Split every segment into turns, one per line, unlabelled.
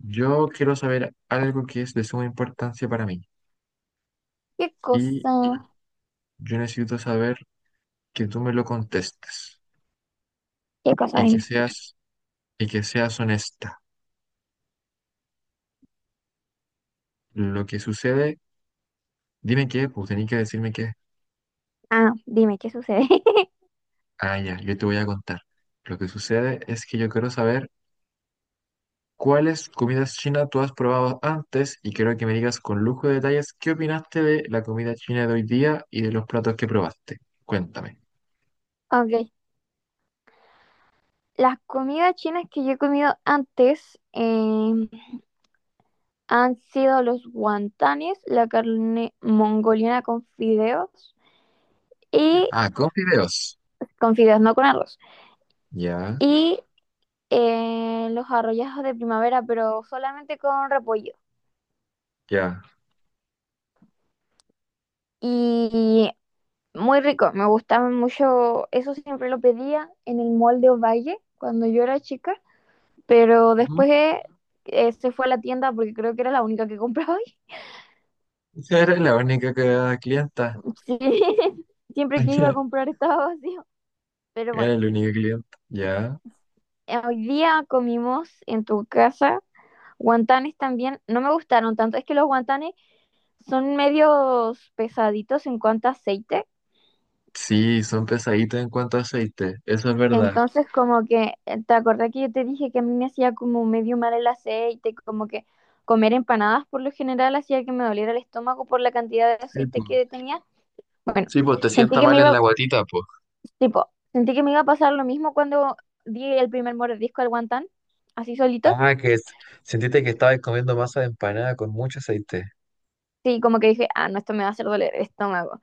Yo quiero saber algo que es de suma importancia para mí
¿Qué
y
cosa?
yo necesito saber que tú me lo contestes
¿Qué cosa?
y que
Dime.
seas y que seas honesta. Lo que sucede, dime qué, pues tenés que decirme qué.
Ah, no, dime, ¿qué sucede?
Ah, ya, yo te voy a contar. Lo que sucede es que yo quiero saber cuáles comidas chinas tú has probado antes y quiero que me digas con lujo de detalles qué opinaste de la comida china de hoy día y de los platos que probaste. Cuéntame.
Ok. Las comidas chinas que yo he comido antes han sido los guantanes, la carne mongoliana con fideos
Ya.
y
Ah, con fideos.
con fideos, no con arroz.
Ya,
Y los arrollazos de primavera, pero solamente con repollo.
ya.
Y muy rico, me gustaban mucho. Eso siempre lo pedía en el mall de Ovalle cuando yo era chica. Pero después se fue a la tienda porque creo que era la única que compraba ahí.
Esa era la única clienta.
Sí, siempre que iba a comprar estaba vacío. Pero bueno,
Era el único cliente. Ya.
hoy día comimos en tu casa guantanes también. No me gustaron tanto. Es que los guantanes son medios pesaditos en cuanto a aceite.
Sí, son pesaditos en cuanto a aceite. Eso es verdad.
Entonces, como que, ¿te acordás que yo te dije que a mí me hacía como medio mal el aceite? Como que comer empanadas por lo general hacía que me doliera el estómago por la cantidad de
Sí,
aceite
pues.
que tenía. Bueno,
Sí, pues te
sentí
sienta
que
mal
me
en
iba
la guatita, pues.
Tipo, sentí que me iba a pasar lo mismo cuando di el primer mordisco al guantán, así solito.
Ah, sentiste que estabas comiendo masa de empanada con mucho aceite.
Sí, como que dije, ah, no, esto me va a hacer doler el estómago.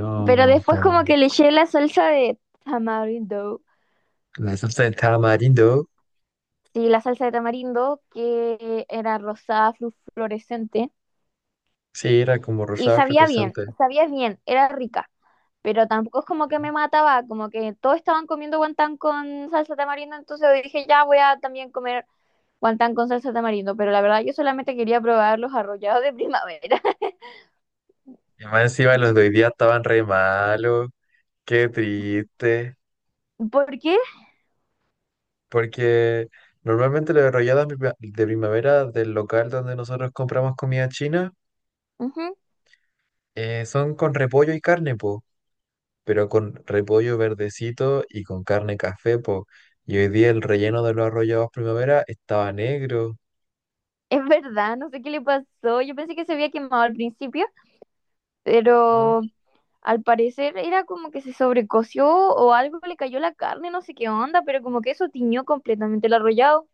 No,
Pero
no
después
po.
como que le eché la salsa de tamarindo.
La salsa de tamarindo.
Sí, la salsa de tamarindo, que era rosada, fluorescente.
Sí, era como
Y
rosada representante.
sabía bien, era rica. Pero tampoco es como que me mataba, como que todos estaban comiendo guantán con salsa de tamarindo, entonces dije, ya voy a también comer guantán con salsa de tamarindo, pero la verdad yo solamente quería probar los arrollados de primavera.
Y más encima los de hoy día estaban re malos. Qué triste.
¿Por qué?
Porque normalmente las arrolladas de primavera del local donde nosotros compramos comida china
Ujú.
son con repollo y carne, po, pero con repollo verdecito y con carne café, po. Y hoy día el relleno de los arrollados primavera estaba negro.
Es verdad, no sé qué le pasó. Yo pensé que se había quemado al principio,
¿Ah?
pero al parecer era como que se sobrecoció o algo le cayó la carne, no sé qué onda, pero como que eso tiñó completamente el arrollado.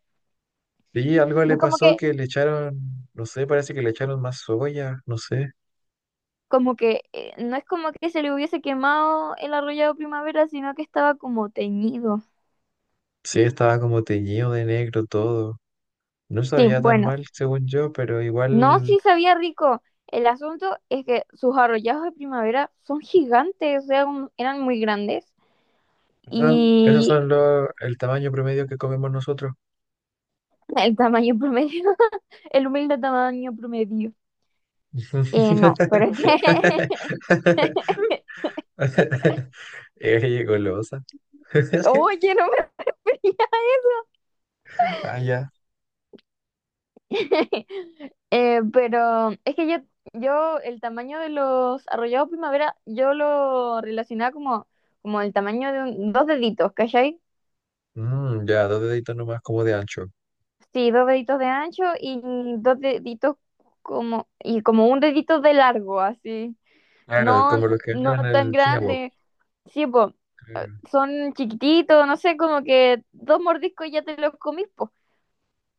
Sí, algo
No
le
es
pasó que le echaron, no sé, parece que le echaron más soya, no sé.
como que, no es como que se le hubiese quemado el arrollado primavera, sino que estaba como teñido.
Sí, estaba como teñido de negro todo. No
Sí,
sabía tan
bueno,
mal, según yo, pero
no,
igual.
sí sabía rico. El asunto es que sus arrollados de primavera son gigantes, o sea, eran muy grandes.
No, esos
Y
son el tamaño promedio que comemos nosotros.
el tamaño promedio, el humilde tamaño promedio. No, pero es que...
Ey, golosa.
Oye, no me
Ah, ya.
veía. Pero es que yo el tamaño de los arrollados primavera, yo lo relacionaba como, como el tamaño de dos deditos, ¿cachai?
Ya, dos deditos nomás como de ancho.
Sí, dos deditos de ancho y dos deditos como, y como un dedito de largo, así.
Claro,
No,
como los que venden
no
en
tan
el China Walk.
grande. Sí, po,
Claro.
son chiquititos, no sé, como que dos mordiscos ya te los comís, po.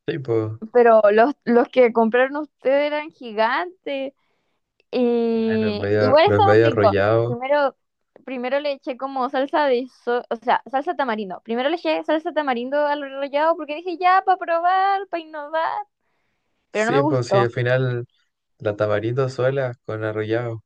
Sí, pues.
Pero los que compraron ustedes eran gigantes.
ah, Los
Y
medio,
igual
los
estaban
medio
ricos.
arrollados.
Primero, primero le eché como salsa de, o sea, salsa tamarindo. Primero le eché salsa tamarindo al rallado porque dije, ya, para probar, para innovar. Pero no me
Sí, pues sí, al
gustó.
final la tamarindo sola con arrollado.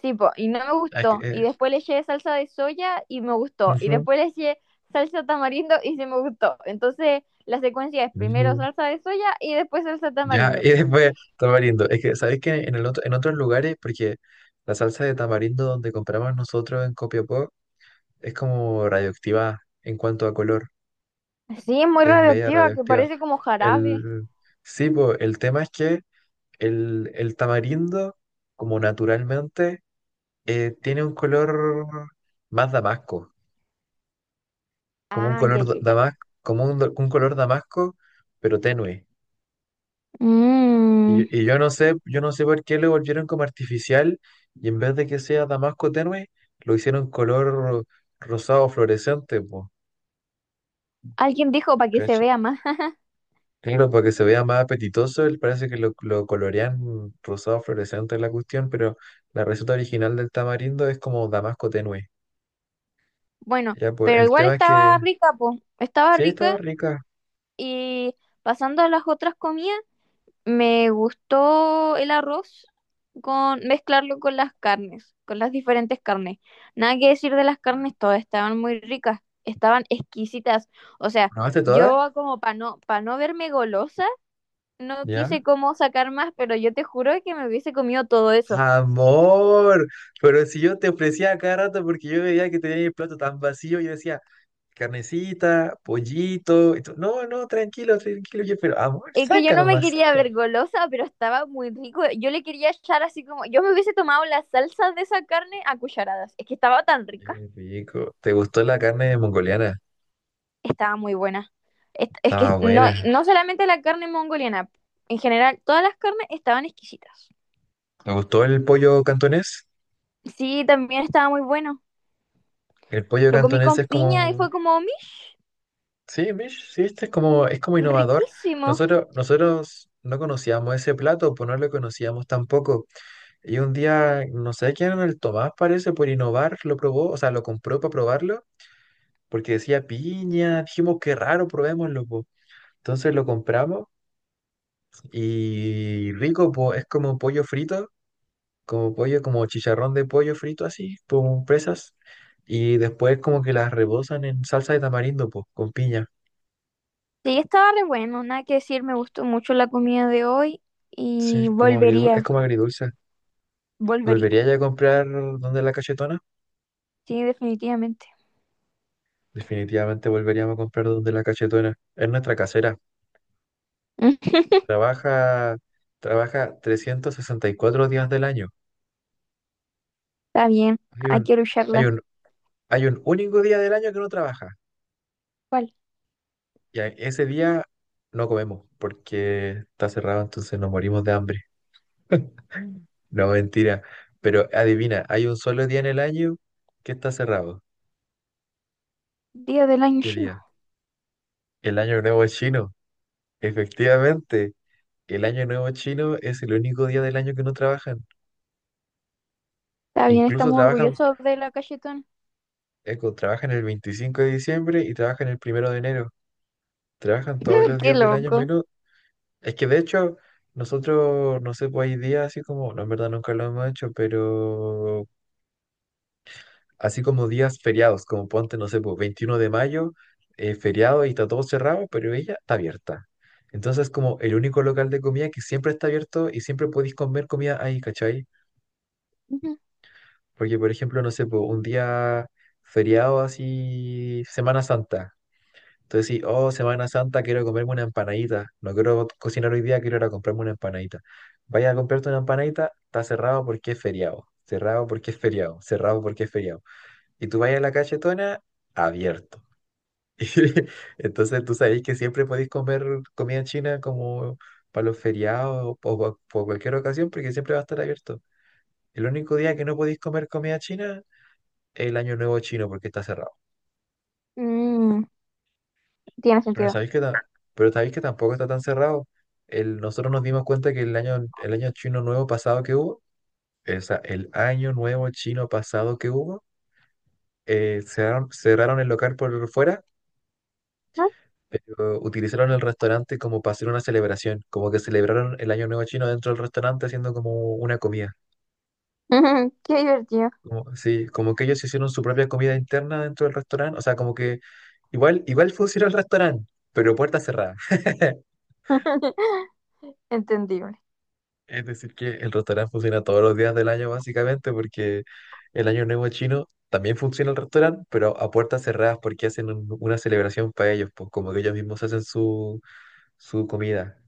Sí, po, y no me
Ah, es que,
gustó. Y después le eché salsa de soya y me gustó. Y
ujú,
después le eché salsa tamarindo y sí me gustó. Entonces, la secuencia es primero
ujú.
salsa de soya y después salsa
Ya,
tamarindo.
y después tamarindo. Es que, sabes que en otros lugares, porque la salsa de tamarindo donde compramos nosotros en Copiapó es como radioactiva en cuanto a color,
Sí, es muy
es media
radioactiva, que
radioactiva.
parece como jarabe.
El, sí, po, el tema es que el tamarindo, como naturalmente, tiene un color más damasco, como un
Ah, ya,
color
ya, ya.
damasco, un color damasco, pero tenue. Y, yo-
Mm,
y yo no sé, yo no sé por qué lo volvieron como artificial y en vez de que sea damasco tenue, lo hicieron color rosado fluorescente,
alguien dijo para que se
pues.
vea más.
Claro, para que se vea más apetitoso, él parece que lo colorean rosado fluorescente en la cuestión, pero la receta original del tamarindo es como damasco tenue.
Bueno,
Ya, pues
pero
el
igual
tema es que
estaba rica, po. Estaba
sí, estaba
rica
rica.
y pasando a las otras comidas. Me gustó el arroz con mezclarlo con las carnes, con las diferentes carnes. Nada que decir de las carnes, todas estaban muy ricas, estaban exquisitas. O sea,
¿Probaste todas?
yo como para no verme golosa, no
¿Ya?
quise como sacar más, pero yo te juro que me hubiese comido todo eso.
Amor, pero si yo te ofrecía a cada rato porque yo veía que tenía el plato tan vacío, yo decía, carnecita, pollito, y tú, no, no, tranquilo, tranquilo, yo, pero amor,
Es que yo
saca
no me
nomás,
quería
saca.
ver golosa, pero estaba muy rico. Yo le quería echar así como, yo me hubiese tomado la salsa de esa carne a cucharadas. Es que estaba tan
Qué
rica.
rico. ¿Te gustó la carne mongoliana?
Estaba muy buena. Es que
Estaba
no,
buena.
no solamente la carne mongoliana, en general, todas las carnes estaban exquisitas.
Me gustó el pollo cantonés.
Sí, también estaba muy bueno.
El pollo
Lo comí
cantonés
con
es
piña y fue
como,
como "Mish,
sí, mish, sí, este es como innovador.
riquísimo".
Nosotros no conocíamos ese plato, pues no lo conocíamos tampoco. Y un día, no sé quién era el Tomás, parece, por innovar, lo probó, o sea, lo compró para probarlo, porque decía piña, dijimos qué raro, probémoslo, po. Entonces lo compramos y rico, pues es como pollo frito como pollo, como chicharrón de pollo frito así, con presas, y después como que las rebosan en salsa de tamarindo, pues, con piña.
Sí, estaba re bueno, nada que decir, me gustó mucho la comida de hoy
Sí,
y
es como agridulce, es
volvería,
como agridulce.
volvería.
¿Volvería ya a comprar donde la cachetona?
Sí, definitivamente.
Definitivamente volveríamos a comprar donde la cachetona. Es nuestra casera.
Mm.
Trabaja, trabaja 364 días del año.
Está bien,
Hay
hay
un,
que
hay
lucharla.
un, hay un único día del año que no trabaja.
¿Cuál?
Ese día no comemos porque está cerrado, entonces nos morimos de hambre. No, mentira. Pero adivina, hay un solo día en el año que está cerrado.
Día del año
¿Qué
chino.
día? El Año Nuevo Chino. Efectivamente, el Año Nuevo Chino es el único día del año que no trabajan.
Está bien,
Incluso
estamos
trabajan,
orgullosos de la cachetón.
trabajan el 25 de diciembre y trabajan el 1 de enero. Trabajan todos los
Qué
días del año
loco.
menos. Es que de hecho, nosotros, no sé, pues hay días así como, no, en verdad nunca lo hemos hecho, pero así como días feriados, como ponte, no sé, pues 21 de mayo, feriado y está todo cerrado, pero ella está abierta. Entonces, como el único local de comida que siempre está abierto y siempre podéis comer comida ahí, ¿cachai?
Ujú.
Porque, por ejemplo, no sé, pues un día feriado así, Semana Santa. Entonces, sí, oh, Semana Santa, quiero comerme una empanadita. No quiero cocinar hoy día, quiero ir a comprarme una empanadita. Vaya a comprarte una empanadita, está cerrado porque es feriado. Cerrado porque es feriado. Cerrado porque es feriado y tú vas a la cachetona abierto. Y entonces tú sabéis que siempre podéis comer comida china como para los feriados o por cualquier ocasión porque siempre va a estar abierto. El único día que no podéis comer comida china es el Año Nuevo chino porque está cerrado.
Mm, tiene
Pero
sentido.
sabéis que, ta- pero sabéis que tampoco está tan cerrado. Nosotros nos dimos cuenta que el año chino nuevo pasado que hubo, o sea, el año nuevo chino pasado que hubo, cerraron el local por fuera,
¿No?
pero utilizaron el restaurante como para hacer una celebración, como que celebraron el Año Nuevo Chino dentro del restaurante haciendo como una comida.
Qué divertido.
Como, sí, como que ellos hicieron su propia comida interna dentro del restaurante, o sea, como que igual funciona el restaurante, pero puerta cerrada.
Entendible.
Es decir, que el restaurante funciona todos los días del año básicamente porque el Año Nuevo Chino también funciona el restaurante, pero a puertas cerradas porque hacen una celebración para ellos, pues como que ellos mismos hacen su comida.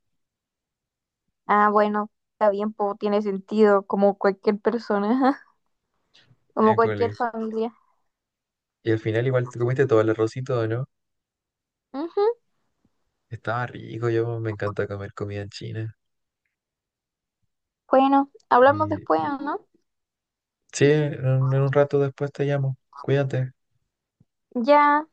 Ah, bueno, está bien, po, tiene sentido, como cualquier persona, como cualquier
École.
familia.
Y al final igual te comiste todo el arrocito, ¿no?
Ujú.
Estaba rico, yo me encanta comer comida en China.
Bueno, hablamos
Y,
después,
y-
¿no?
sí, en un rato después te llamo. Cuídate.
Ya.